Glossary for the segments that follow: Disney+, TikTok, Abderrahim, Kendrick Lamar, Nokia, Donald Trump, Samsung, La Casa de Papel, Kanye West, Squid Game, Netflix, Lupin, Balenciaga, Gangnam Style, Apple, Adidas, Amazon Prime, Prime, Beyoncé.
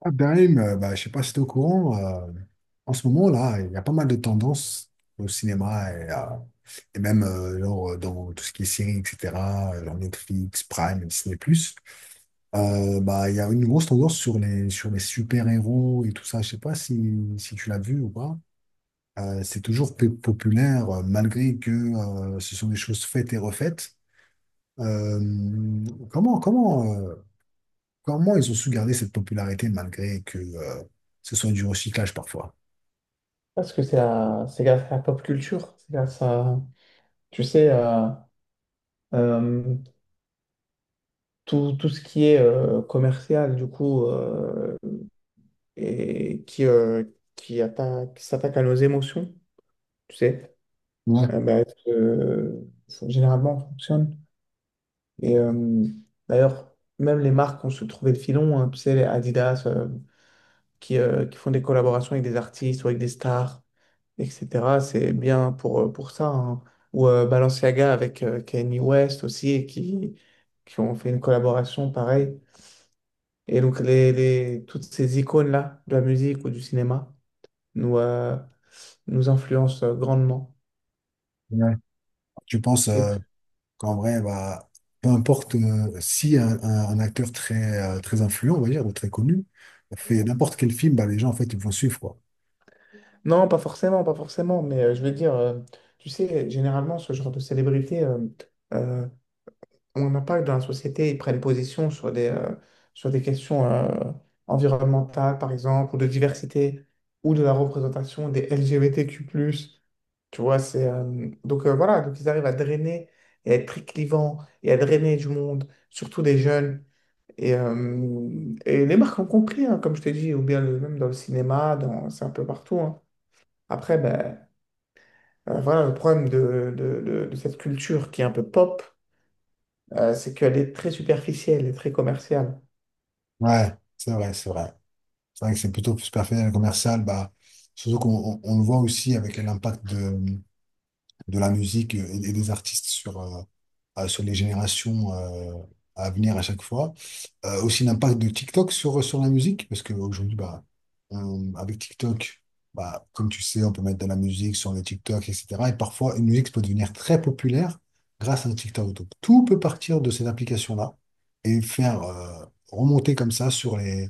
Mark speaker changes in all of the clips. Speaker 1: Abderrahim, je sais pas si tu es au courant. En ce moment là, il y a pas mal de tendances au cinéma et même dans tout ce qui est séries, etc., genre Netflix, Prime, Disney+. Il y a une grosse tendance sur sur les super-héros et tout ça. Je sais pas si tu l'as vu ou pas. C'est toujours populaire malgré que ce sont des choses faites et refaites. Euh, comment, comment, euh, Comment ils ont su garder cette popularité malgré que ce soit du recyclage parfois?
Speaker 2: Parce que c'est grâce à la pop culture, c'est grâce à, tu sais, à, euh, tout ce qui est commercial, du coup, et qui attaque, qui s'attaque à nos émotions, tu sais,
Speaker 1: Ouais.
Speaker 2: euh, bah, euh, généralement ça fonctionne. Et d'ailleurs, même les marques ont se trouvé le filon, hein, tu sais, les Adidas, qui font des collaborations avec des artistes ou avec des stars, etc. C'est bien pour ça, hein. Ou Balenciaga avec Kanye West aussi, et qui ont fait une collaboration pareille. Et donc, toutes ces icônes-là, de la musique ou du cinéma, nous, nous influencent grandement.
Speaker 1: Ouais. Tu penses,
Speaker 2: Et
Speaker 1: qu'en vrai, bah, peu importe si un acteur très influent, on va dire, ou très connu, fait n'importe quel film, bah, les gens, en fait, ils vont suivre, quoi.
Speaker 2: non, pas forcément, pas forcément, mais je veux dire, tu sais, généralement, ce genre de célébrité euh, ont un impact dans la société, ils prennent position sur des questions environnementales, par exemple, ou de diversité, ou de la représentation des LGBTQ+. Tu vois, c'est, donc voilà, donc ils arrivent à drainer et à être très clivants et à drainer du monde, surtout des jeunes. Et les marques ont compris, hein, comme je t'ai dit, ou bien même dans le cinéma, dans, c'est un peu partout, hein. Après, ben, voilà le problème de, de cette culture qui est un peu pop, c'est qu'elle est très superficielle et très commerciale.
Speaker 1: Ouais, c'est vrai, c'est vrai. C'est vrai que c'est plutôt plus personnel et commercial, bah, surtout qu'on on le voit aussi avec l'impact de la musique et des artistes sur, sur les générations à venir à chaque fois. Aussi l'impact de TikTok sur, sur la musique, parce qu'aujourd'hui, bah, avec TikTok, bah, comme tu sais, on peut mettre de la musique sur le TikTok, etc. Et parfois, une musique peut devenir très populaire grâce à un TikTok. Donc, tout peut partir de cette application-là et faire remonter comme ça sur les,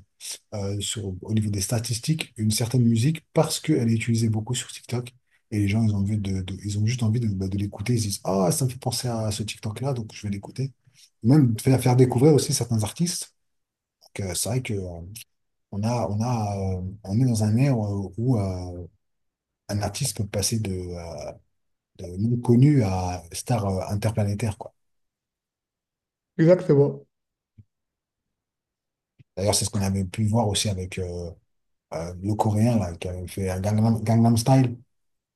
Speaker 1: euh, sur, au niveau des statistiques, une certaine musique parce qu'elle est utilisée beaucoup sur TikTok. Et les gens, ils ont juste envie de, bah, de l'écouter. Ils se disent, ah, ça me fait penser à ce TikTok-là, donc je vais l'écouter. Même faire découvrir aussi certains artistes. Donc, c'est vrai que, on a, on est dans un ère où un artiste peut passer de non connu à star interplanétaire, quoi.
Speaker 2: Exactement.
Speaker 1: D'ailleurs, c'est ce qu'on avait pu voir aussi avec le Coréen là, qui avait fait un Gangnam Style.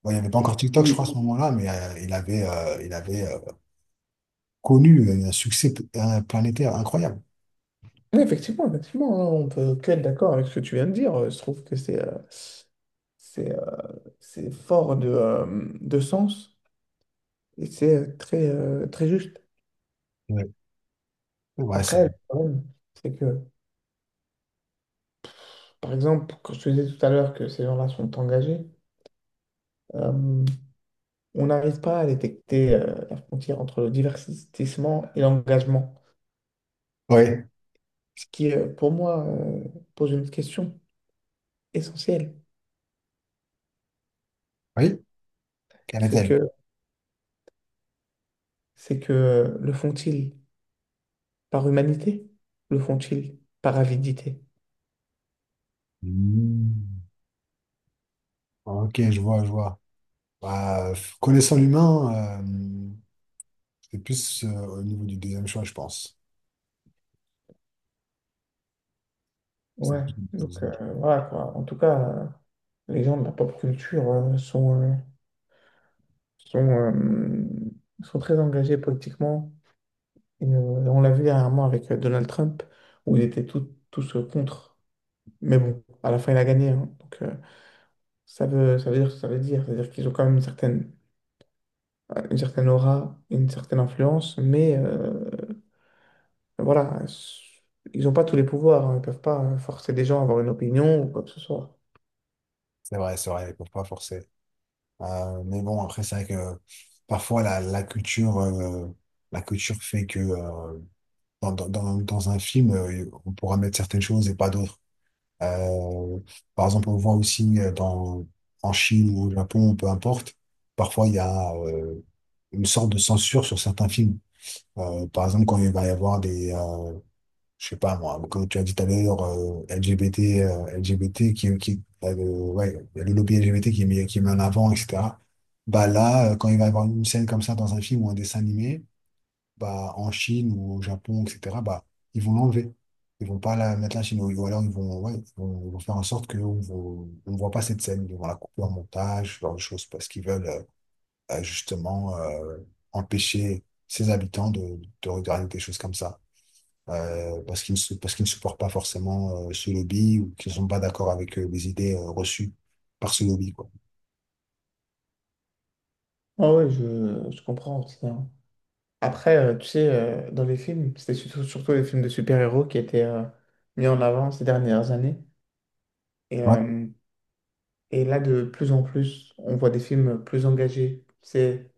Speaker 1: Bon, il n'y avait pas encore TikTok, je crois, à
Speaker 2: Oui.
Speaker 1: ce moment-là, mais il avait connu un succès un planétaire incroyable.
Speaker 2: Mais effectivement, effectivement, hein, on peut que être d'accord avec ce que tu viens de dire. Je trouve que c'est euh, c'est fort de sens et c'est très, très juste.
Speaker 1: Ouais. Ouais, ça-
Speaker 2: Après, le problème, c'est que, par exemple, quand je te disais tout à l'heure que ces gens-là sont engagés, euh, on n'arrive pas à détecter la frontière entre le divertissement et l'engagement.
Speaker 1: ouais.
Speaker 2: Ce qui, pour moi, pose une question essentielle.
Speaker 1: Oui, quelle
Speaker 2: C'est
Speaker 1: est-elle?
Speaker 2: que c'est que Le font-ils par humanité? Le font-ils par avidité?
Speaker 1: Hmm. Ok, je vois, je vois. Bah, connaissant l'humain, c'est plus au niveau du deuxième choix, je pense. C'est
Speaker 2: Ouais,
Speaker 1: plus-
Speaker 2: donc voilà quoi. En tout cas, les gens de la pop culture sont, sont, euh, sont très engagés politiquement. Et, on l'a vu dernièrement avec Donald Trump, où ils étaient tous contre. Mais bon, à la fin, il a gagné, hein. Donc ça veut dire ce que ça veut dire. C'est-à-dire qu'ils ont quand même une certaine aura, une certaine influence, mais voilà, ils n'ont pas tous les pouvoirs, hein. Ils ne peuvent pas forcer des gens à avoir une opinion ou quoi que ce soit.
Speaker 1: c'est vrai, ils peuvent pas forcer. Mais bon, après, c'est vrai que parfois, la culture fait que dans un film, on pourra mettre certaines choses et pas d'autres. Euh, Par exemple, on voit aussi en Chine ou au Japon, peu importe, parfois il y a une sorte de censure sur certains films. Par exemple, quand il va y avoir je sais pas moi, comme tu as dit tout à l'heure, LGBT, LGBT ouais, il y a le lobby LGBT qui est qui est mis en avant, etc. Bah là, quand il va y avoir une scène comme ça dans un film ou un dessin animé, bah, en Chine ou au Japon, etc., bah, ils vont l'enlever. Ils vont pas la mettre là chez nous ou alors ils vont, ouais, ils vont faire en sorte qu'on ne voit pas cette scène. Ils vont la couper en montage, ce genre de choses, parce qu'ils veulent justement empêcher ses habitants de regarder des choses comme ça. Parce qu'ils ne, parce qu'ils ne supportent pas forcément ce lobby ou qu'ils ne sont pas d'accord avec les idées reçues par ce lobby, quoi.
Speaker 2: Ah ouais, je comprends aussi, hein. Après, tu sais, dans les films, c'était surtout les films de super-héros qui étaient mis en avant ces dernières années. Et,
Speaker 1: Ouais,
Speaker 2: euh, et là, de plus en plus, on voit des films plus engagés, tu sais,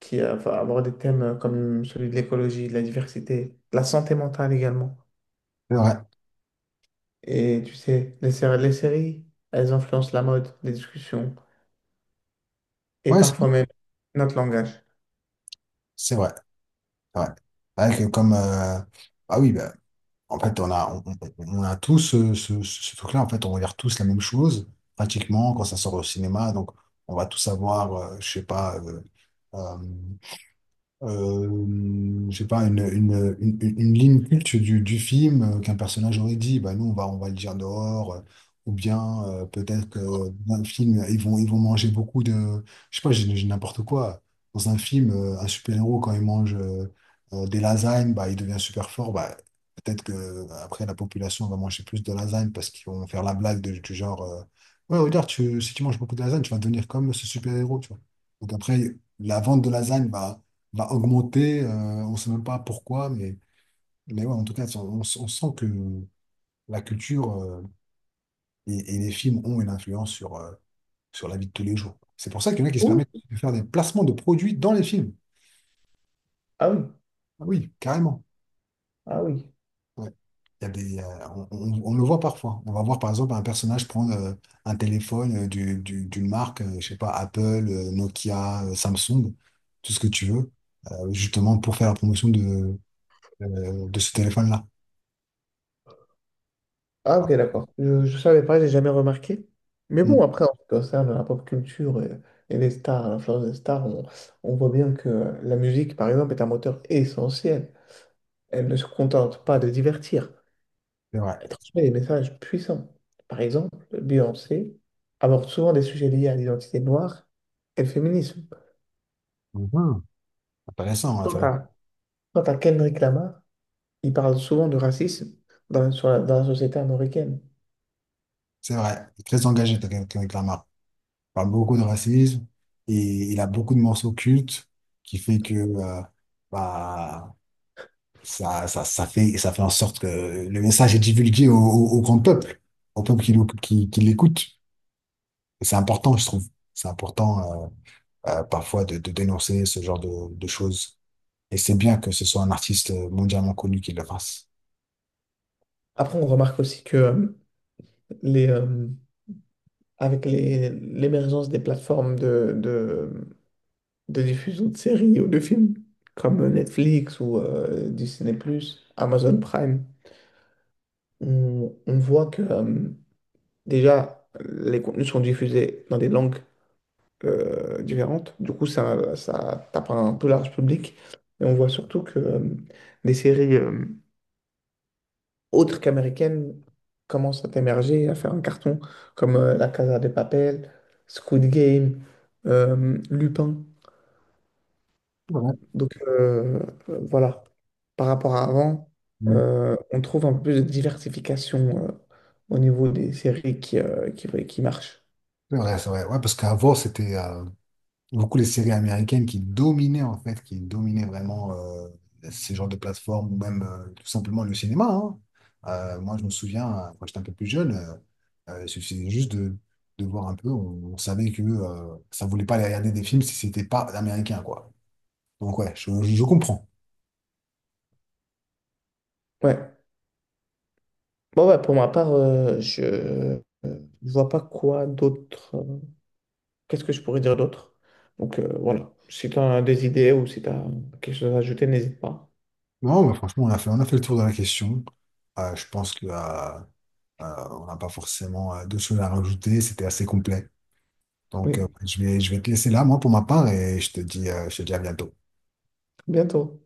Speaker 2: qui va avoir des thèmes comme celui de l'écologie, de la diversité, de la santé mentale également.
Speaker 1: c'est vrai.
Speaker 2: Et tu sais, les, les séries, elles influencent la mode, les discussions, et
Speaker 1: Ouais,
Speaker 2: parfois même notre langage.
Speaker 1: c'est vrai. C'est vrai. C'est vrai que comme... ah oui, bah, en fait, on a, on, on- a tous ce truc-là. En fait, on regarde tous la même chose, pratiquement, quand ça sort au cinéma. Donc, on va tous avoir, euh, je sais pas, une ligne culte du film qu'un personnage aurait dit, bah nous on va le dire dehors, ou bien peut-être que dans un film, ils vont manger beaucoup de. Je sais pas, j'ai n'importe quoi. Dans un film, un super-héros, quand il mange des lasagnes, bah, il devient super fort. Bah, peut-être que après la population va manger plus de lasagnes parce qu'ils vont faire la blague du genre ouais, regarde, tu, si tu manges beaucoup de lasagnes, tu vas devenir comme ce super-héros, tu vois. Donc après, la vente de lasagne va va augmenter. On ne sait même pas pourquoi, mais ouais, en tout cas, si on, on sent que la culture et les films ont une influence sur la vie de tous les jours. C'est pour ça qu'il y en a qui se
Speaker 2: Ouh,
Speaker 1: permettent de faire des placements de produits dans les films.
Speaker 2: ah oui,
Speaker 1: Ah oui, carrément.
Speaker 2: ah oui.
Speaker 1: Ouais. Il y a des, on le voit parfois. On va voir par exemple un personnage prendre un téléphone d'une marque, je sais pas, Apple, Nokia, Samsung, tout ce que tu veux, justement pour faire la promotion de ce téléphone-là.
Speaker 2: Ah
Speaker 1: Ah,
Speaker 2: ok, d'accord. Je ne savais pas, j'ai jamais remarqué. Mais bon,
Speaker 1: mm,
Speaker 2: après, en ce qui concerne la pop culture, et les stars, l'influence des stars, on voit bien que la musique, par exemple, est un moteur essentiel. Elle ne se contente pas de divertir.
Speaker 1: c'est vrai.
Speaker 2: Elle transmet des messages puissants. Par exemple, Beyoncé aborde souvent des sujets liés à l'identité noire et le féminisme.
Speaker 1: Mhm. Intéressant,
Speaker 2: Quant
Speaker 1: intéressant.
Speaker 2: à, quant à Kendrick Lamar, il parle souvent de racisme dans, dans la société américaine.
Speaker 1: C'est vrai. Il est très engagé, Kendrick Lamar. Il parle beaucoup de racisme et il a beaucoup de morceaux cultes qui fait que bah, ça fait en sorte que le message est divulgué au grand peuple, au peuple qui l'écoute. Et c'est important, je trouve. C'est important parfois de dénoncer ce genre de choses. Et c'est bien que ce soit un artiste mondialement connu qui le fasse.
Speaker 2: Après, on remarque aussi que les, avec l'émergence des plateformes de diffusion de séries ou de films, comme Netflix ou Disney+, Amazon Prime, on voit que déjà, les contenus sont diffusés dans des langues différentes. Du coup, ça tape un peu large public. Et on voit surtout que des séries autres qu'américaines commencent à émerger, à faire un carton, comme La Casa de Papel, Squid Game, Lupin.
Speaker 1: C'est
Speaker 2: Donc voilà, par rapport à avant,
Speaker 1: mm.
Speaker 2: on trouve un peu plus de diversification au niveau des séries qui, ouais, qui marchent.
Speaker 1: C'est vrai, c'est vrai. Ouais, parce qu'avant, c'était beaucoup les séries américaines qui dominaient en fait, qui dominaient vraiment ces genres de plateformes ou même tout simplement le cinéma, hein. Moi, je me souviens, quand j'étais un peu plus jeune, il suffisait juste de voir un peu. On savait que ça voulait pas aller regarder des films si c'était pas américain, quoi. Donc ouais, je comprends.
Speaker 2: Ouais. Bon, ouais, pour ma part, je vois pas quoi d'autre. Qu'est-ce que je pourrais dire d'autre? Donc voilà, si tu as des idées ou si tu as quelque chose à ajouter, n'hésite pas.
Speaker 1: Non, mais franchement, on a fait le tour de la question. Je pense que on n'a pas forcément d'autres choses à rajouter. C'était assez complet. Donc,
Speaker 2: Oui.
Speaker 1: je vais te laisser là, moi, pour ma part, et je te dis à bientôt.
Speaker 2: Bientôt.